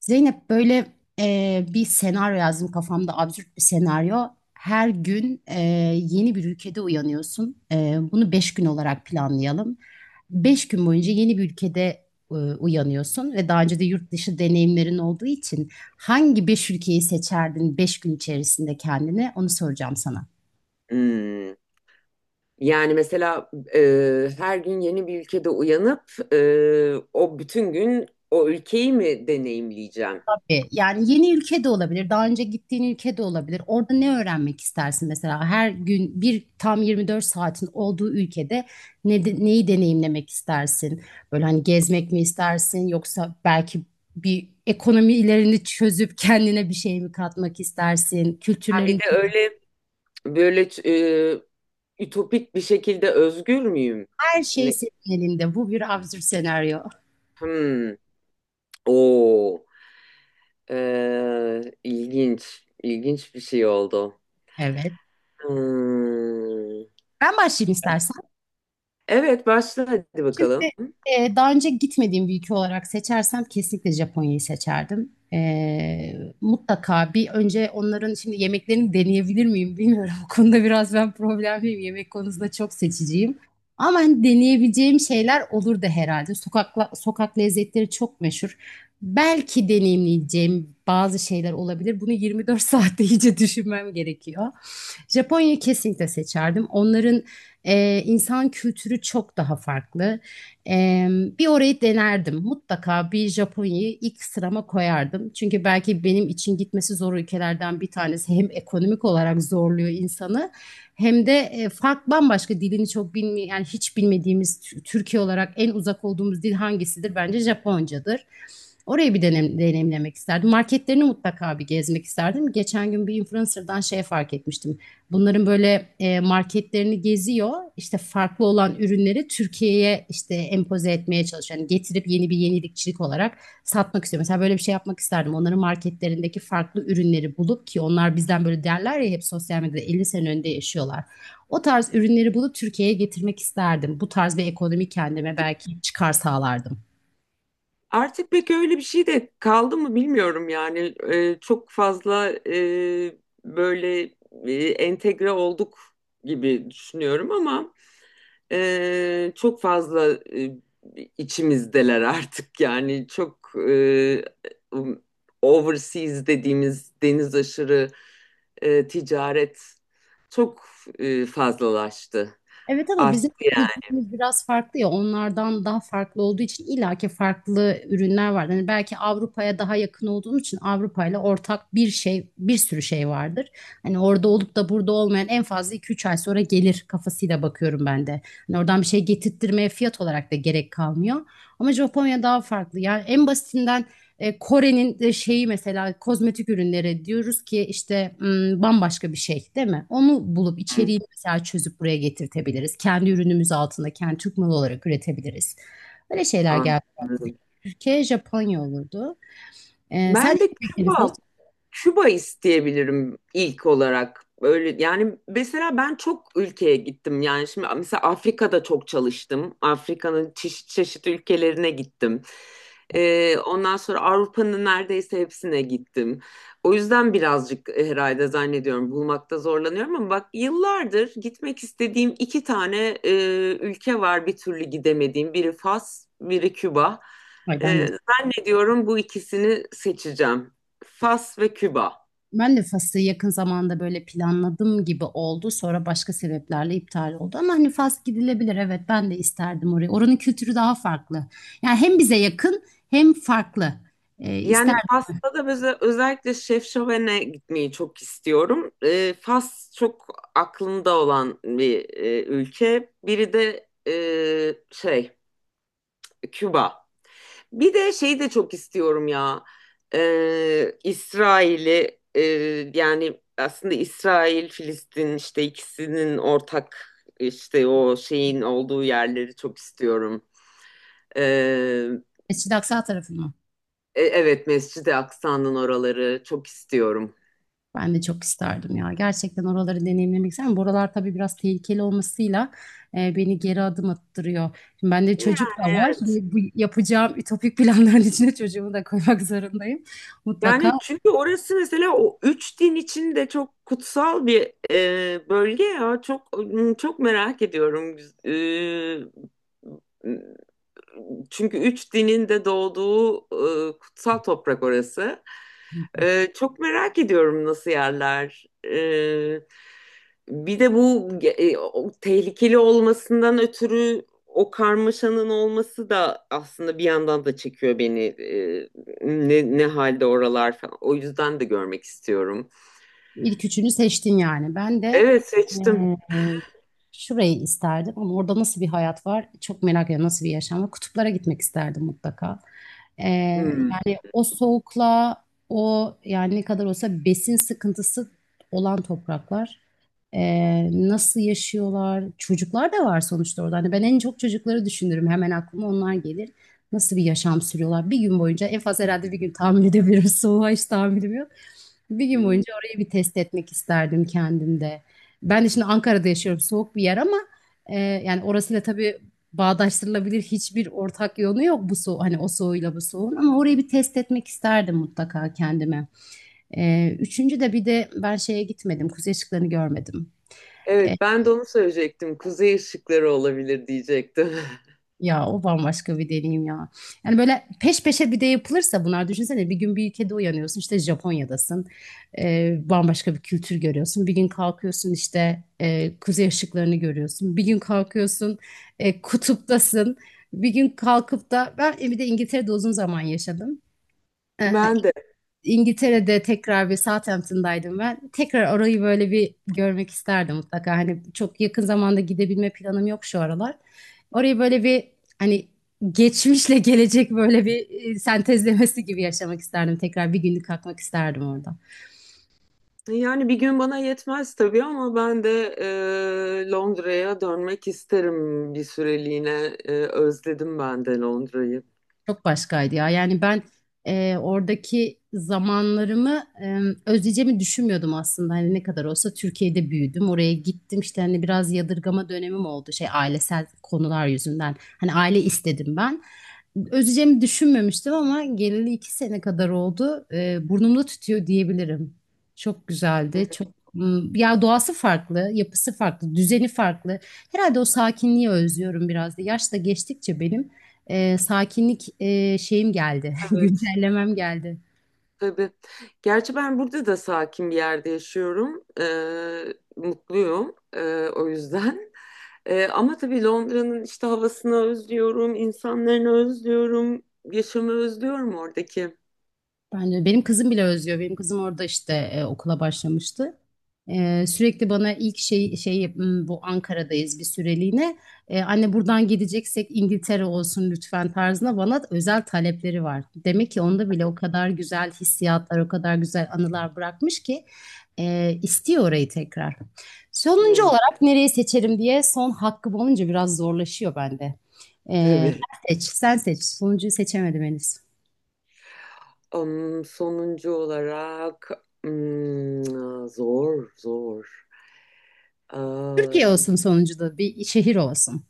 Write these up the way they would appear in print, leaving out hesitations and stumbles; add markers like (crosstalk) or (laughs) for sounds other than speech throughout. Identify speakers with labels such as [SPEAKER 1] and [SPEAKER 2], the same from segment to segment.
[SPEAKER 1] Zeynep böyle bir senaryo yazdım kafamda absürt bir senaryo. Her gün yeni bir ülkede uyanıyorsun. Bunu beş gün olarak planlayalım. Beş gün boyunca yeni bir ülkede uyanıyorsun ve daha önce de yurt dışı deneyimlerin olduğu için hangi beş ülkeyi seçerdin beş gün içerisinde kendine onu soracağım sana.
[SPEAKER 2] Hmm. Yani mesela her gün yeni bir ülkede uyanıp o bütün gün o ülkeyi mi deneyimleyeceğim?
[SPEAKER 1] Yani yeni ülke de olabilir, daha önce gittiğin ülke de olabilir. Orada ne öğrenmek istersin mesela? Her gün bir tam 24 saatin olduğu ülkede neyi deneyimlemek istersin? Böyle hani gezmek mi istersin yoksa belki bir ekonomi ilerini çözüp kendine bir şey mi katmak istersin?
[SPEAKER 2] Ha bir
[SPEAKER 1] Kültürlerin
[SPEAKER 2] de öyle böyle ütopik bir şekilde özgür müyüm?
[SPEAKER 1] her şey
[SPEAKER 2] Ne?
[SPEAKER 1] senin elinde. Bu bir absürt senaryo.
[SPEAKER 2] Hmm. Oo. E, ilginç, ilginç bir şey oldu.
[SPEAKER 1] Evet.
[SPEAKER 2] Hmm.
[SPEAKER 1] Ben başlayayım istersen.
[SPEAKER 2] Evet, başla hadi
[SPEAKER 1] Şimdi
[SPEAKER 2] bakalım.
[SPEAKER 1] daha önce gitmediğim bir ülke olarak seçersem kesinlikle Japonya'yı seçerdim. Mutlaka bir önce onların şimdi yemeklerini deneyebilir miyim bilmiyorum. (laughs) Bu konuda biraz ben problemliyim. Yemek konusunda çok seçiciyim. Ama hani deneyebileceğim şeyler olur da herhalde. Sokakla, sokak lezzetleri çok meşhur. Belki deneyimleyeceğim bazı şeyler olabilir. Bunu 24 (laughs) saatte iyice düşünmem gerekiyor. Japonya'yı kesinlikle seçerdim. Onların insan kültürü çok daha farklı. E, Bir orayı denerdim. Mutlaka bir Japonya'yı ilk sırama koyardım. Çünkü belki benim için gitmesi zor ülkelerden bir tanesi. Hem ekonomik olarak zorluyor insanı hem de fark bambaşka dilini çok bilmiyor. Yani hiç bilmediğimiz Türkiye olarak en uzak olduğumuz dil hangisidir? Bence Japoncadır. Orayı bir deneyimlemek isterdim. Marketlerini mutlaka bir gezmek isterdim. Geçen gün bir influencer'dan şey fark etmiştim. Bunların böyle marketlerini geziyor. İşte farklı olan ürünleri Türkiye'ye işte empoze etmeye çalışıyor. Yani getirip yeni bir yenilikçilik olarak satmak istiyor. Mesela böyle bir şey yapmak isterdim. Onların marketlerindeki farklı ürünleri bulup ki onlar bizden böyle derler ya hep sosyal medyada 50 sene önde yaşıyorlar. O tarz ürünleri bulup Türkiye'ye getirmek isterdim. Bu tarz bir ekonomi kendime belki çıkar sağlardım.
[SPEAKER 2] Artık pek öyle bir şey de kaldı mı bilmiyorum yani. Çok fazla, böyle, entegre olduk gibi düşünüyorum ama çok fazla, içimizdeler artık, yani çok, um, overseas dediğimiz deniz aşırı ticaret çok fazlalaştı,
[SPEAKER 1] Evet ama bizim
[SPEAKER 2] arttı
[SPEAKER 1] de kültürümüz biraz farklı ya onlardan daha farklı olduğu için illaki farklı ürünler var. Hani belki Avrupa'ya daha yakın olduğum için Avrupa ile ortak bir şey bir sürü şey vardır. Hani orada olup da burada olmayan en fazla iki üç ay sonra gelir kafasıyla bakıyorum ben de. Hani oradan bir şey getirttirmeye fiyat olarak da gerek kalmıyor. Ama Japonya daha farklı. Yani en basitinden Kore'nin de şeyi mesela kozmetik ürünleri diyoruz ki işte bambaşka bir şey değil mi? Onu bulup
[SPEAKER 2] yani.
[SPEAKER 1] içeriği mesela çözüp buraya getirtebiliriz. Kendi ürünümüz altında kendi Türk malı olarak üretebiliriz. Böyle şeyler geldi.
[SPEAKER 2] Anladım.
[SPEAKER 1] Türkiye, Japonya olurdu. Sen
[SPEAKER 2] Ben de
[SPEAKER 1] ilk seç.
[SPEAKER 2] Küba, Küba isteyebilirim ilk olarak. Böyle yani, mesela ben çok ülkeye gittim. Yani şimdi mesela Afrika'da çok çalıştım. Afrika'nın çeşit çeşit ülkelerine gittim. Ondan sonra Avrupa'nın neredeyse hepsine gittim. O yüzden birazcık herhalde zannediyorum bulmakta zorlanıyorum ama bak, yıllardır gitmek istediğim iki tane ülke var bir türlü gidemediğim. Biri Fas, biri Küba.
[SPEAKER 1] Ay, ben de
[SPEAKER 2] Ee, ediyorum, bu ikisini seçeceğim. Fas ve Küba.
[SPEAKER 1] Fas'ı yakın zamanda böyle planladım gibi oldu. Sonra başka sebeplerle iptal oldu. Ama hani Fas gidilebilir. Evet ben de isterdim orayı. Oranın kültürü daha farklı. Yani hem bize yakın hem farklı. E,
[SPEAKER 2] Yani Fas'ta da böyle özellikle Şef gitmeyi çok istiyorum. Fas çok aklımda olan bir ülke. Biri de şey, Küba. Bir de şeyi de çok istiyorum ya. İsrail'i yani aslında İsrail, Filistin, işte ikisinin ortak, işte o şeyin olduğu yerleri çok istiyorum. Ee,
[SPEAKER 1] Mescid-i Aksa tarafını.
[SPEAKER 2] evet, Mescid-i Aksa'nın oraları çok istiyorum.
[SPEAKER 1] Ben de çok isterdim ya. Gerçekten oraları deneyimlemek isterim. Buralar tabii biraz tehlikeli olmasıyla beni geri adım attırıyor. Şimdi bende
[SPEAKER 2] Yani
[SPEAKER 1] çocuk da var.
[SPEAKER 2] evet.
[SPEAKER 1] Şimdi bu yapacağım ütopik planların (laughs) içine çocuğumu da koymak (laughs) zorundayım. Mutlaka
[SPEAKER 2] Yani çünkü orası mesela o üç din için de çok kutsal bir bölge ya. Çok çok merak ediyorum. E, Çünkü üç dinin de doğduğu kutsal toprak orası. Çok merak ediyorum nasıl yerler. Bir de bu o tehlikeli olmasından ötürü o karmaşanın olması da aslında bir yandan da çekiyor beni. Ne halde oralar falan. O yüzden de görmek istiyorum.
[SPEAKER 1] İlk üçünü seçtin yani. Ben de
[SPEAKER 2] Evet, seçtim.
[SPEAKER 1] eee, şurayı isterdim ama orada nasıl bir hayat var çok merak ediyorum. Nasıl bir yaşam var? Kutuplara gitmek isterdim mutlaka. Eee,
[SPEAKER 2] Hmm.
[SPEAKER 1] Yani o soğukla o yani ne kadar olsa besin sıkıntısı olan topraklar. Nasıl yaşıyorlar? Çocuklar da var sonuçta orada. Hani ben en çok çocukları düşünürüm. Hemen aklıma onlar gelir. Nasıl bir yaşam sürüyorlar? Bir gün boyunca en fazla herhalde bir gün tahammül edebilirim. (laughs) Soğuğa hiç tahammülüm yok. Bir gün boyunca orayı bir test etmek isterdim kendimde. Ben de şimdi Ankara'da yaşıyorum, soğuk bir yer ama yani orasıyla tabii bağdaştırılabilir hiçbir ortak yönü yok bu soğuk hani o soğuyla bu soğuğun ama orayı bir test etmek isterdim mutlaka kendime. Üçüncü de bir de ben şeye gitmedim, kuzey ışıklarını görmedim. E,
[SPEAKER 2] Evet, ben de onu söyleyecektim. Kuzey ışıkları olabilir diyecektim. (laughs)
[SPEAKER 1] Ya o bambaşka bir deneyim ya. Yani böyle peş peşe bir de yapılırsa bunlar düşünsene bir gün bir ülkede uyanıyorsun işte Japonya'dasın. Bambaşka bir kültür görüyorsun. Bir gün kalkıyorsun işte kuzey ışıklarını görüyorsun. Bir gün kalkıyorsun kutuptasın. Bir gün kalkıp da ben bir de İngiltere'de uzun zaman yaşadım.
[SPEAKER 2] Ben de.
[SPEAKER 1] İngiltere'de tekrar bir Southampton'daydım ben. Tekrar orayı böyle bir görmek isterdim mutlaka. Hani çok yakın zamanda gidebilme planım yok şu aralar. Orayı böyle bir hani geçmişle gelecek böyle bir sentezlemesi gibi yaşamak isterdim. Tekrar bir günlük kalkmak isterdim orada.
[SPEAKER 2] Yani bir gün bana yetmez tabii ama ben de Londra'ya dönmek isterim bir süreliğine. Özledim ben de Londra'yı.
[SPEAKER 1] Çok başkaydı ya. Yani ben oradaki zamanlarımı özleyeceğimi düşünmüyordum aslında. Hani ne kadar olsa Türkiye'de büyüdüm. Oraya gittim işte hani biraz yadırgama dönemim oldu. Şey ailesel konular yüzünden. Hani aile istedim ben. Özleyeceğimi düşünmemiştim ama geleli iki sene kadar oldu. Burnumda tütüyor diyebilirim. Çok güzeldi. Çok. Hmm, ya doğası farklı, yapısı farklı, düzeni farklı. Herhalde o sakinliği özlüyorum biraz da. Yaş da geçtikçe benim sakinlik şeyim geldi, (laughs)
[SPEAKER 2] Evet,
[SPEAKER 1] güncellemem geldi.
[SPEAKER 2] tabii. Gerçi ben burada da sakin bir yerde yaşıyorum. Mutluyum o yüzden. (laughs) Ama tabii Londra'nın işte havasını özlüyorum, insanlarını özlüyorum, yaşamı özlüyorum oradaki.
[SPEAKER 1] Bence benim kızım bile özlüyor. Benim kızım orada işte okula başlamıştı. Sürekli bana ilk şey "Hmm, bu Ankara'dayız bir süreliğine. Anne buradan gideceksek İngiltere olsun lütfen" tarzında bana özel talepleri var. Demek ki onda bile o kadar güzel hissiyatlar, o kadar güzel anılar bırakmış ki istiyor orayı tekrar. Sonuncu
[SPEAKER 2] Ne?
[SPEAKER 1] olarak nereyi seçerim diye son hakkım olunca biraz zorlaşıyor bende.
[SPEAKER 2] Tabii.
[SPEAKER 1] Sen seç, sen seç. Sonuncuyu seçemedim henüz.
[SPEAKER 2] Sonuncu olarak zor, zor.
[SPEAKER 1] Türkiye
[SPEAKER 2] Aa,
[SPEAKER 1] olsun sonucu da bir şehir olsun.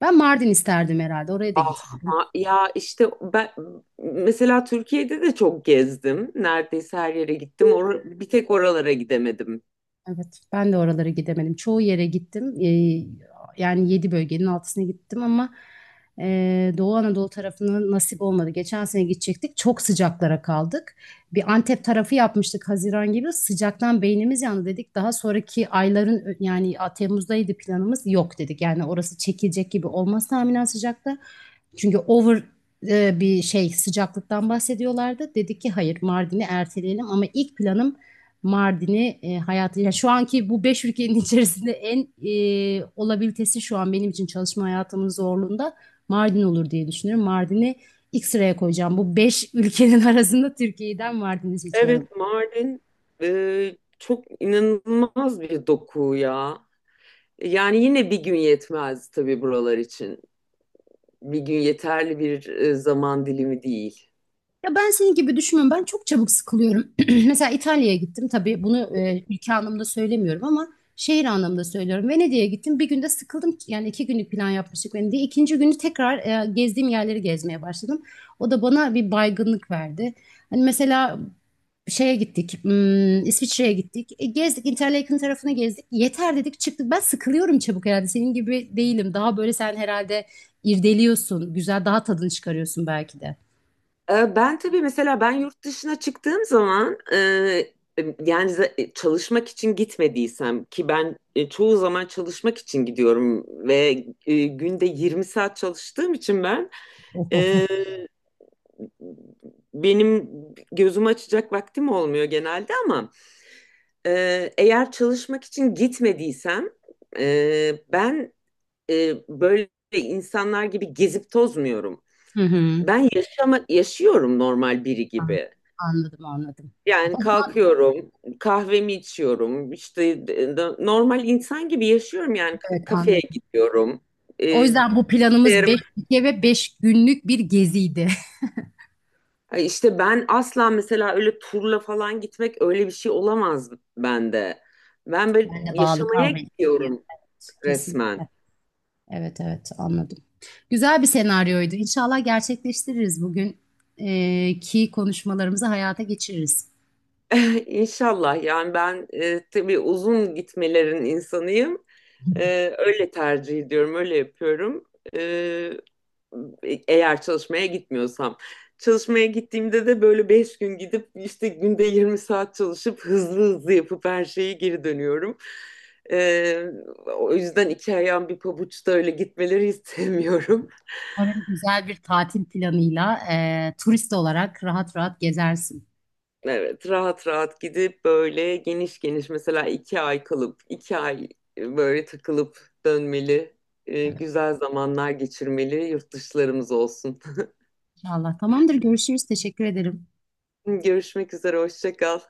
[SPEAKER 1] Ben Mardin isterdim herhalde. Oraya da
[SPEAKER 2] ah
[SPEAKER 1] gitmedim.
[SPEAKER 2] ya işte ben mesela Türkiye'de de çok gezdim. Neredeyse her yere gittim. Bir tek oralara gidemedim.
[SPEAKER 1] Evet, ben de oralara gidemedim. Çoğu yere gittim. Yani yedi bölgenin altısına gittim ama Doğu Anadolu tarafına nasip olmadı. Geçen sene gidecektik. Çok sıcaklara kaldık. Bir Antep tarafı yapmıştık Haziran gibi. Sıcaktan beynimiz yandı dedik. Daha sonraki ayların yani Temmuz'daydı planımız. Yok dedik. Yani orası çekilecek gibi olmaz tahminen sıcakta. Çünkü bir şey sıcaklıktan bahsediyorlardı. Dedik ki hayır Mardin'i erteleyelim ama ilk planım Mardin'i hayatı yani şu anki bu beş ülkenin (laughs) içerisinde en olabilitesi şu an benim için çalışma hayatımın zorluğunda Mardin olur diye düşünüyorum. Mardin'i ilk sıraya koyacağım. Bu beş ülkenin (laughs) arasında Türkiye'den Mardin'i seçiyorum.
[SPEAKER 2] Evet, Mardin çok inanılmaz bir doku ya. Yani yine bir gün yetmez tabii buralar için. Bir gün yeterli bir zaman dilimi değil.
[SPEAKER 1] Ya ben senin gibi düşünmüyorum. Ben çok çabuk sıkılıyorum. (clears throat) Mesela İtalya'ya gittim. Tabii bunu ülke anlamında söylemiyorum ama şehir anlamında söylüyorum. Venedik'e gittim. Bir günde sıkıldım. Yani iki günlük plan yapmıştık Venedik'e. İkinci günü tekrar gezdiğim yerleri gezmeye başladım. O da bana bir baygınlık verdi. Hani mesela şeye gittik. Hmm, İsviçre'ye gittik. E, gezdik. Interlaken tarafını gezdik. Yeter dedik çıktık. Ben sıkılıyorum çabuk herhalde. Senin gibi değilim. Daha böyle sen herhalde irdeliyorsun. Güzel daha tadını çıkarıyorsun belki de.
[SPEAKER 2] Ben tabii mesela ben yurt dışına çıktığım zaman, yani çalışmak için gitmediysem. Ki ben çoğu zaman çalışmak için gidiyorum ve günde 20 saat çalıştığım için
[SPEAKER 1] (laughs)
[SPEAKER 2] benim gözümü açacak vaktim olmuyor genelde, ama e, eğer çalışmak için gitmediysem, ben böyle insanlar gibi gezip tozmuyorum.
[SPEAKER 1] Hı hı.
[SPEAKER 2] Ben yaşıyorum normal biri
[SPEAKER 1] An-
[SPEAKER 2] gibi.
[SPEAKER 1] Anladım, anladım. O
[SPEAKER 2] Yani
[SPEAKER 1] zaman
[SPEAKER 2] kalkıyorum, kahvemi içiyorum, işte, normal insan gibi yaşıyorum yani,
[SPEAKER 1] evet
[SPEAKER 2] kafeye
[SPEAKER 1] anladım.
[SPEAKER 2] gidiyorum, e,
[SPEAKER 1] O yüzden bu planımız
[SPEAKER 2] bilgisayarımı.
[SPEAKER 1] 5 gece ve 5 günlük bir geziydi. (laughs)
[SPEAKER 2] Ay, işte ben asla mesela öyle turla falan gitmek, öyle bir şey olamaz bende. Ben böyle
[SPEAKER 1] Ben de bağlı
[SPEAKER 2] yaşamaya
[SPEAKER 1] kalmayı düşünüyorum.
[SPEAKER 2] gidiyorum
[SPEAKER 1] Evet,
[SPEAKER 2] resmen.
[SPEAKER 1] kesinlikle. Evet, evet anladım. Güzel bir senaryoydu. İnşallah gerçekleştiririz bugün ki konuşmalarımızı hayata geçiririz.
[SPEAKER 2] (laughs) İnşallah, yani ben tabii uzun gitmelerin insanıyım. Öyle tercih ediyorum, öyle yapıyorum. E, eğer çalışmaya gitmiyorsam. Çalışmaya gittiğimde de böyle 5 gün gidip işte günde 20 saat çalışıp hızlı hızlı yapıp her şeyi geri dönüyorum. Ee, o yüzden iki ayağım bir pabuçta öyle gitmeleri istemiyorum. (laughs)
[SPEAKER 1] Umarım güzel bir tatil planıyla turist olarak rahat rahat gezersin.
[SPEAKER 2] Evet, rahat rahat gidip böyle geniş geniş mesela 2 ay kalıp 2 ay böyle takılıp dönmeli,
[SPEAKER 1] Evet,
[SPEAKER 2] güzel zamanlar geçirmeli, yurt dışlarımız olsun.
[SPEAKER 1] inşallah. Tamamdır, görüşürüz. Teşekkür ederim.
[SPEAKER 2] (laughs) Görüşmek üzere, hoşça kal.